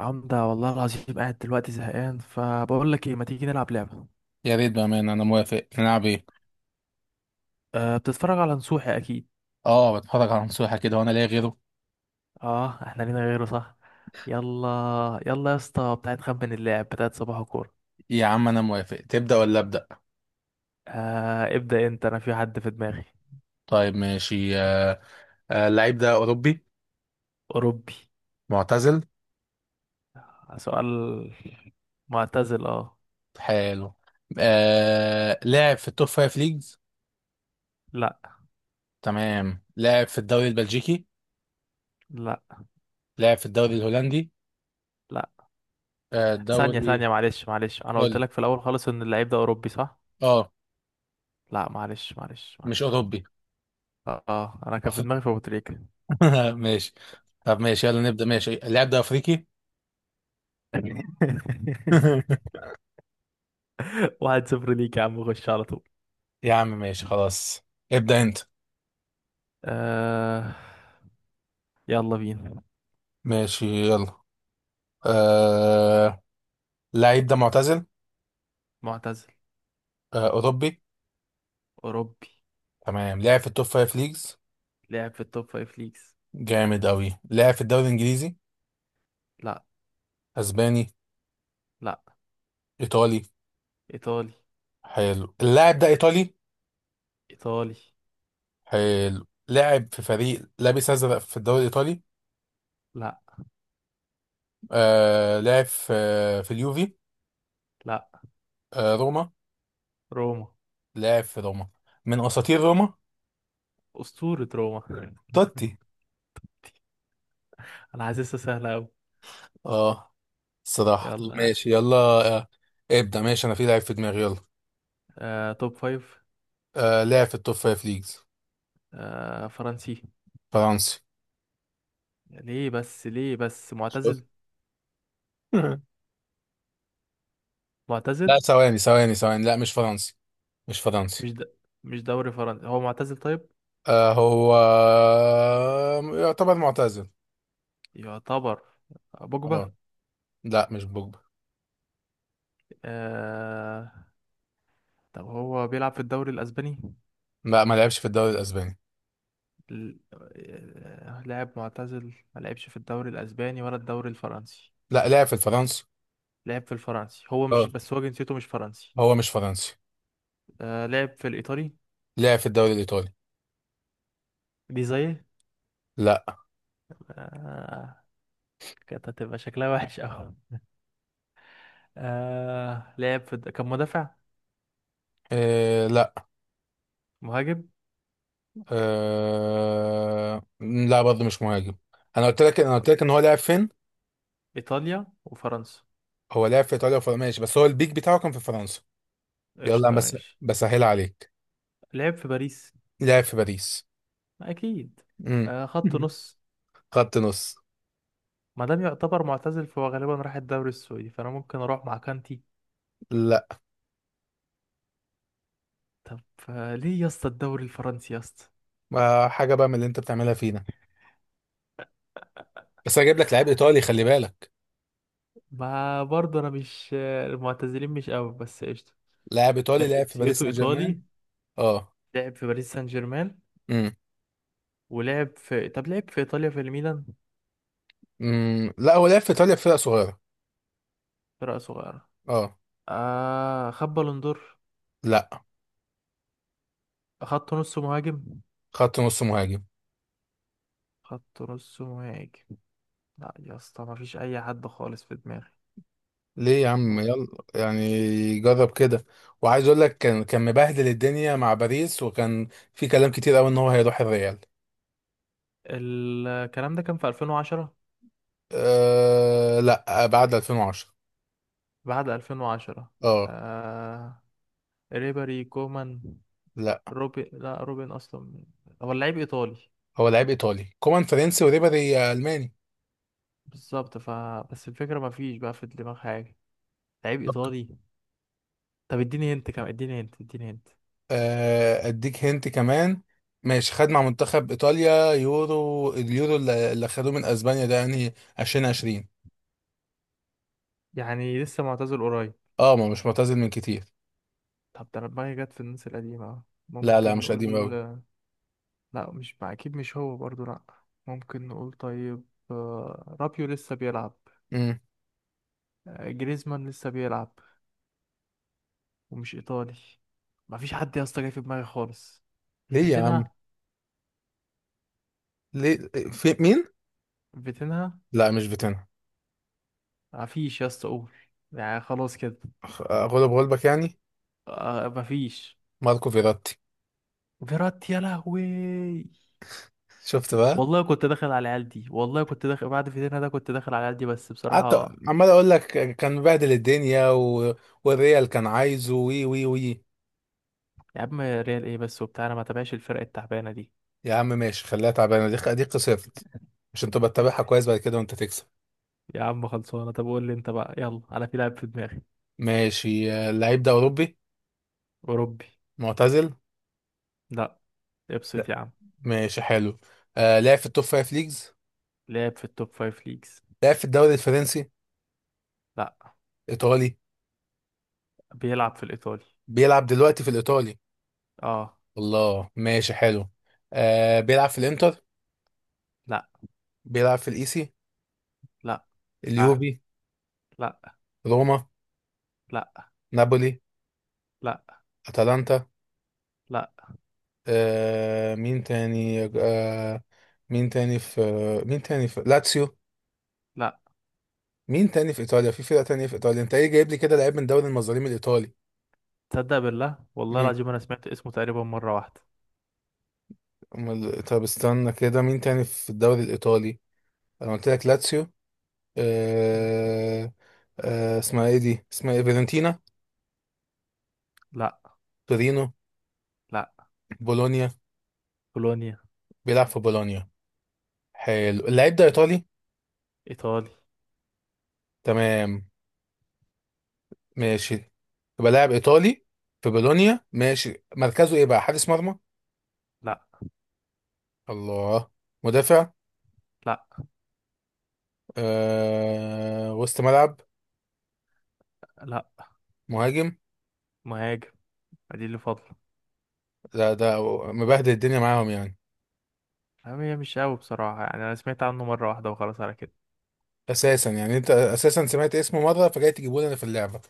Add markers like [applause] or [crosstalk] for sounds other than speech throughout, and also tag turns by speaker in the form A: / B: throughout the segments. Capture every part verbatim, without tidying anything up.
A: عمدة والله العظيم قاعد دلوقتي زهقان فبقول لك ايه، ما تيجي نلعب لعبة.
B: يا ريت، بأمانة أنا موافق. نلعب إيه؟
A: أه، بتتفرج على نصوحي اكيد.
B: آه، بتفرج على نصوحة كده وأنا لاقي غيره.
A: اه، احنا لينا غيره صح؟ يلا يلا يا اسطى، بتاعت خمن اللاعب بتاعت صباح كورة.
B: يا عم أنا موافق، تبدأ ولا أبدأ؟
A: أه، ابدأ انت، انا في حد في دماغي.
B: طيب ماشي. آه، آه، اللعيب ده أوروبي.
A: اوروبي؟
B: معتزل.
A: سؤال. معتزل؟ اه.
B: حلو. آه، لاعب في التوب فايف ليجز.
A: لا
B: تمام، لاعب في الدوري البلجيكي.
A: لا
B: لاعب في الدوري الهولندي.
A: لا،
B: آه،
A: ثانية ثانية،
B: الدوري
A: معلش معلش، انا قلت
B: قول.
A: لك في الاول خالص ان اللعيب ده اوروبي صح؟
B: آه.
A: لا، معلش معلش
B: مش
A: معلش.
B: أوروبي.
A: اه آه، انا كان في
B: أف-
A: دماغي في ابو تريكة.
B: [laughs] ماشي. طب ماشي يلا نبدأ ماشي، اللاعب ده أفريقي.
A: [laughs]
B: [laughs]
A: واحد صفر ليك يا عم، خش على طول.
B: يا عم ماشي خلاص. ابدأ أنت.
A: آه، يلا بينا.
B: ماشي يلا. آه. اللعيب ده معتزل.
A: معتزل.
B: آه، اوروبي
A: أوروبي.
B: تمام، لعب في التوب فايف ليجز.
A: لعب في التوب فايف ليجز؟
B: جامد اوي، لعب في الدوري الانجليزي.
A: لا.
B: اسباني.
A: لا.
B: ايطالي.
A: إيطالي؟
B: حلو، اللاعب ده ايطالي.
A: إيطالي.
B: حلو، لعب في فريق لابس ازرق في الدوري الايطالي.
A: لا.
B: آه لعب في في اليوفي.
A: لا.
B: آه روما.
A: روما؟
B: لعب في روما. من اساطير روما.
A: أسطورة روما. [laughs]
B: توتي.
A: أنا حاسسها سهلة أوي.
B: اه. الصراحه، طب
A: يلا يعني.
B: ماشي يلا. آه ابدا ماشي، انا في لاعب في دماغي. يلا.
A: آه، توب فايف.
B: آه لعب في التوب فايف ليجز.
A: آه، فرنسي.
B: فرنسي.
A: ليه بس؟ ليه بس
B: شوف.
A: معتزل؟
B: [laughs] لا
A: معتزل.
B: ثواني ثواني ثواني، لا مش فرنسي. مش فرنسي.
A: مش د... مش دوري فرنسي. هو معتزل طيب؟
B: آه هو يعتبر معتزل.
A: يعتبر. آه، بوجبا.
B: اه. لا مش بوجبا.
A: آه... طب هو بيلعب في الدوري الأسباني؟
B: لا، ما لعبش في الدوري الاسباني.
A: ل- آه، لاعب معتزل، ما لعبش في الدوري الاسباني ولا الدوري الفرنسي.
B: لا، لعب في الفرنسي.
A: لعب في الفرنسي، هو مش
B: اه،
A: بس، هو جنسيته مش فرنسي.
B: هو مش فرنسي.
A: آه، لعب في الايطالي.
B: لعب في الدوري الايطالي.
A: دي زي.
B: لا.
A: آه، كانت هتبقى شكلها وحش قوي. آه، لعب في الد- كان مدافع.
B: إيه، لا.
A: مهاجم.
B: آه. لا برضه مش مهاجم. انا قلت لك انا قلت لك ان هو لعب فين.
A: ايطاليا وفرنسا.
B: هو لعب في ايطاليا وفرنسا ماشي، بس هو البيك بتاعه كان في فرنسا. يلا، انا
A: قشطه،
B: بس
A: ماشي.
B: بسهل عليك.
A: لعب في باريس.
B: لعب في باريس.
A: اكيد.
B: امم.
A: آه، خط
B: [laughs]
A: نص.
B: خط نص.
A: ما دام يعتبر معتزل فهو غالبا راح الدوري السعودي، فانا ممكن اروح مع كانتي.
B: لا.
A: طب. آه، ليه يا اسطى الدوري الفرنسي يا اسطى؟
B: آه، حاجه بقى من اللي انت بتعملها فينا. بس انا جايب لك لاعب ايطالي، خلي بالك.
A: ما برضه انا مش، المعتزلين مش قوي، بس قشطه.
B: لاعب
A: آه،
B: ايطالي لعب في باريس
A: جنسيته
B: سان
A: ايطالي.
B: جيرمان. اه.
A: لعب في باريس سان جيرمان.
B: امم.
A: ولعب في، طب لعب في ايطاليا في الميلان.
B: امم لا، هو لعب في ايطاليا في فرقه صغيره.
A: فرقه صغيره.
B: اه.
A: آه، خد بالون دور.
B: لا.
A: خط نص مهاجم.
B: خط نص مهاجم.
A: خط نص مهاجم. لا يا اسطى، ما فيش اي حد خالص في دماغي.
B: ليه يا عم؟
A: مم.
B: يلا يعني، جرب كده. وعايز اقول لك، كان كان مبهدل الدنيا مع باريس، وكان في كلام كتير قوي ان هو هيروح الريال.
A: الكلام ده كان في ألفين وعشرة.
B: أه لا، بعد ألفين وعشرة.
A: بعد ألفين وعشرة.
B: اه.
A: آه، ريبري كومان.
B: لا،
A: روبن، لا روبن اصلا. هو لعيب ايطالي.
B: هو لعيب ايطالي. كومان فرنسي وريبيري الماني.
A: بالظبط ف، بس الفكرة ما فيش بقى في دماغ حاجة. لعيب إيطالي. طب اديني هنت كمان، اديني هنت، اديني هنت.
B: آه، اديك هنت كمان. ماشي، خد مع منتخب ايطاليا يورو اليورو اللي اللي خدوه من اسبانيا ده، يعني ألفين وعشرين.
A: يعني لسه معتزل قريب؟
B: اه، ما مش معتزل من كتير.
A: طب ده أنا دماغي جت في الناس القديمة أهو.
B: لا لا،
A: ممكن
B: مش قديم
A: نقول.
B: قوي.
A: لا مش مع، أكيد مش هو برضو لأ. ممكن نقول طيب. آه، رابيو لسه بيلعب.
B: امم.
A: آه، جريزمان لسه بيلعب، ومش إيطالي. ما فيش حد يا اسطى جاي في دماغي خالص.
B: ليه يا عم؟
A: فيتينها؟
B: ليه؟ في مين؟
A: فيتينها؟
B: لا مش فيتينا.
A: ما فيش يا اسطى، قول. يعني خلاص كده.
B: خ- غلب غلبك يعني.
A: آه، ما فيش.
B: ماركو فيراتي.
A: فيراتي، يا لهوي.
B: شفت بقى.
A: والله كنت داخل على العيال دي، والله كنت داخل بعد فيتينها، ده كنت داخل على العيال دي بس
B: قعدت
A: بصراحة.
B: عمال اقول لك، كان مبهدل الدنيا و... والريال كان عايزه، وي وي وي.
A: يا عم ريال ايه بس وبتاع، انا ما تابعش الفرق التعبانة دي.
B: يا عم ماشي خليها تعبانه، دي دي خسرت عشان تبقى تتابعها كويس بعد كده وانت تكسب.
A: [laughs] يا عم خلصانة، طب قول لي انت بقى، يلا انا في لاعب في دماغي.
B: ماشي. آه، اللعيب ده أوروبي.
A: اوروبي؟
B: معتزل.
A: لا،
B: لا.
A: ابسط يا عم.
B: ماشي حلو. آه لعب في التوب فايف ليجز.
A: لعب في التوب فايف ليجز؟
B: لعب في الدوري الفرنسي.
A: لا.
B: إيطالي.
A: بيلعب في الايطالي.
B: بيلعب دلوقتي في الإيطالي.
A: اه.
B: الله، ماشي حلو. آه بيلعب في الإنتر.
A: لا.
B: بيلعب في الإيسي.
A: لا. اه
B: اليوفي.
A: لا.
B: روما.
A: لا.
B: نابولي.
A: لا.
B: أتلانتا.
A: لا.
B: آه مين تاني آه مين تاني في مين تاني في لاتسيو؟
A: لا.
B: مين تاني في إيطاليا؟ في فرقة تانية في إيطاليا؟ أنت إيه جايب لي كده لعيب من دوري المظالم الإيطالي؟
A: تصدق بالله والله العظيم انا سمعت اسمه تقريبا مرة واحدة.
B: أمال- طب استنى كده، مين تاني في الدوري الإيطالي؟ أنا قلت لك لاتسيو. آه... آه... اسمها إيه دي، اسمها إيه، فيرنتينا.
A: لا.
B: تورينو.
A: لا.
B: بولونيا.
A: بولونيا؟
B: بيلعب في بولونيا. حلو، اللعيب ده إيطالي.
A: ايطالي.
B: تمام. ماشي. يبقى لاعب إيطالي في بولونيا، ماشي. مركزه إيه بقى، حارس مرمى؟
A: لا.
B: الله. مدافع.
A: لا.
B: آه... وسط ملعب.
A: لا.
B: مهاجم.
A: مهاجم. دي اللي فاضله.
B: لا ده مبهدل الدنيا معاهم يعني.
A: أما هي مش قوي بصراحه يعني، انا سمعت عنه مره واحده وخلاص على كده.
B: أساسا يعني، أنت أساسا سمعت اسمه مرة فجاي تجيبه لنا في اللعبة؟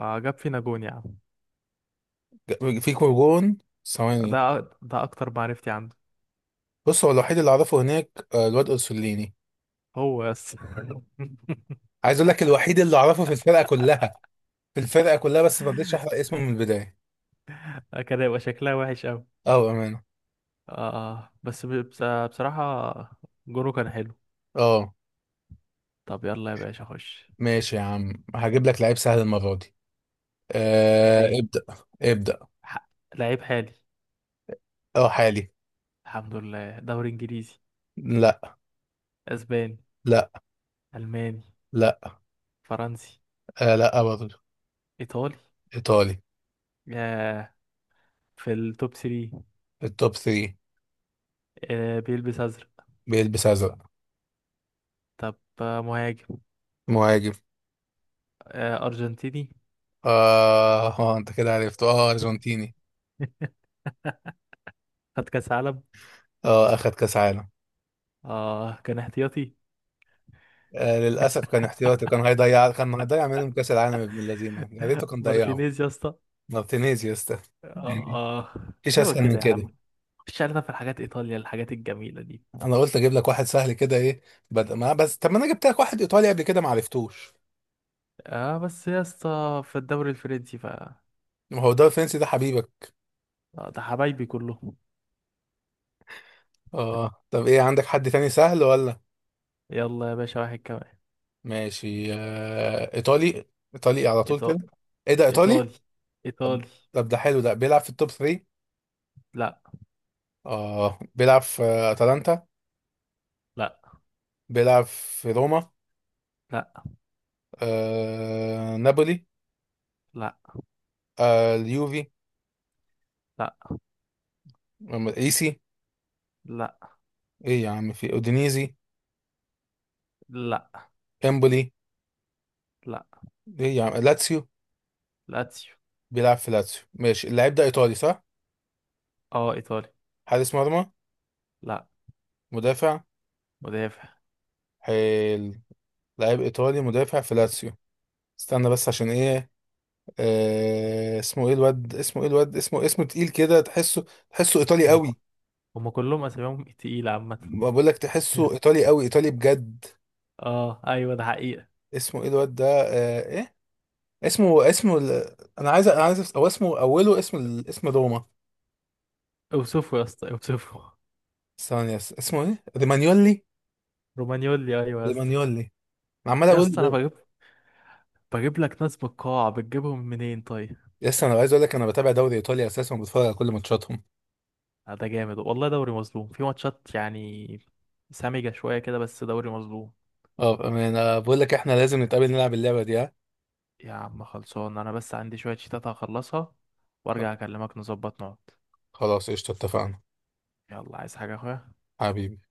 A: آه، جاب فينا جون يا عم.
B: فيكو جون.
A: ده
B: ثواني.
A: أ- ده اكتر معرفتي عنده.
B: بص، هو الوحيد اللي اعرفه هناك، آه، الواد اورسوليني.
A: هو بس. [laughs]
B: عايز اقول لك الوحيد اللي اعرفه في الفرقه كلها، في الفرقه كلها، بس ما رضيتش احرق اسمه من البدايه.
A: كان هيبقى شكلها وحش قوي.
B: اه بامانه.
A: آه، بس ب- بس- بصراحه، جونه كان حلو.
B: اه،
A: طب يلا يا باشا خش.
B: ماشي يا عم، هجيب لك لعيب سهل المره دي.
A: يا
B: آه
A: ريت.
B: ابدا ابدا.
A: ح- لعيب حالي.
B: اه، حالي.
A: الحمد لله. دوري انجليزي؟
B: لا.
A: اسباني؟
B: لا.
A: الماني؟
B: لا.
A: فرنسي؟
B: آه لا برضه.
A: ايطالي.
B: ايطالي.
A: ياه. في التوب تلاتة.
B: التوب ثلاثة.
A: آه، بيلبس ازرق.
B: بيلبس ازرق.
A: طب. آه، مهاجم.
B: مهاجم.
A: آه، أرجنتيني.
B: اه. آه، انت كده عرفته، اه ارجنتيني.
A: [laughs] خد كاس عالم.
B: اه، اخد كاس عالم.
A: اه كان احتياطي.
B: آه
A: [laughs]
B: للاسف كان احتياطي، كان هيضيع كان هيضيع منهم كاس العالم ابن اللذينه، يا ريته كان ضيعه.
A: مارتينيز يا اسطى.
B: مارتينيز يا اسطى. يعني
A: اه
B: مفيش
A: ايوه
B: اسهل
A: كده
B: من
A: يا عم.
B: كده.
A: مش عارف في الحاجات، ايطاليا الحاجات الجميله دي.
B: انا قلت اجيب لك واحد سهل كده، ايه؟ بد... ما بس طب، ما انا جبت لك واحد ايطالي قبل كده ما عرفتوش.
A: اه، بس يا اسطى في الدوري الفرنسي ف.
B: ما هو ده الفرنسي ده حبيبك.
A: آه، ده حبايبي كلهم.
B: اه طب، ايه، عندك حد تاني سهل ولا؟
A: يلا يا باشا واحد كمان.
B: ماشي. آه ايطالي ايطالي على طول
A: إيطا-
B: كده. ايه، ده ايطالي؟
A: ايطالي.
B: طب.
A: ايطالي.
B: طب ده حلو. ده بيلعب في التوب ثلاثة.
A: لا.
B: اه بيلعب في اتلانتا؟
A: لا.
B: بيلعب في روما؟
A: لا.
B: آه... نابولي؟
A: لا.
B: آه اليوفي
A: لا.
B: أم- ايسي؟
A: لا.
B: ايه يا عم، في اودينيزي؟
A: لا.
B: امبولي؟
A: لا.
B: ايه يا عم، لاتسيو؟
A: لاتسيو.
B: بيلعب في لاتسيو ماشي. اللاعب ده ايطالي، صح؟
A: اه، ايطالي.
B: حارس مرمى؟
A: لا.
B: مدافع.
A: مدافع.
B: حلو، لاعب ايطالي مدافع في لاتسيو. استنى بس عشان ايه. آه اسمه ايه الواد، اسمه ايه الواد اسمه اسمه تقيل كده، تحسه تحسه ايطالي
A: هم.
B: قوي.
A: هم كلهم اساميهم تقيله عامه.
B: ما بقول لك، تحسه
A: [laughs]
B: ايطالي قوي، ايطالي بجد.
A: اه ايوه ده حقيقه.
B: اسمه ايه الواد ده، آه ايه اسمه اسمه ال... انا عايز انا عايز أفس- او اسمه اوله، اسم ال- اسم روما.
A: اوصفه يا اسطى، اوصفه.
B: ثانية، س- اسمه ايه؟ رومانيولي.
A: رومانيولي، ايوه يا اسطى.
B: رومانيولي. انا عمال
A: يا
B: اقول.
A: اسطى انا بجيب بجيب لك ناس من القاعة، بتجيبهم منين طيب؟
B: لسه انا عايز اقول لك، انا بتابع دوري ايطاليا اساسا، وبتفرج على كل ماتشاتهم.
A: آه، ده جامد والله، دوري مظلوم في ماتشات يعني. سامجة شوية كده بس دوري مظلوم.
B: اه انا بقول لك، احنا لازم نتقابل نلعب اللعبة دي، ها؟
A: يا عم خلصان، انا بس عندي شوية شيتات هخلصها
B: خ-
A: وارجع اكلمك، نظبط نقعد.
B: خلاص قشطة، اتفقنا.
A: يلا، عايز حاجة يا اخويا؟
B: حبيبي.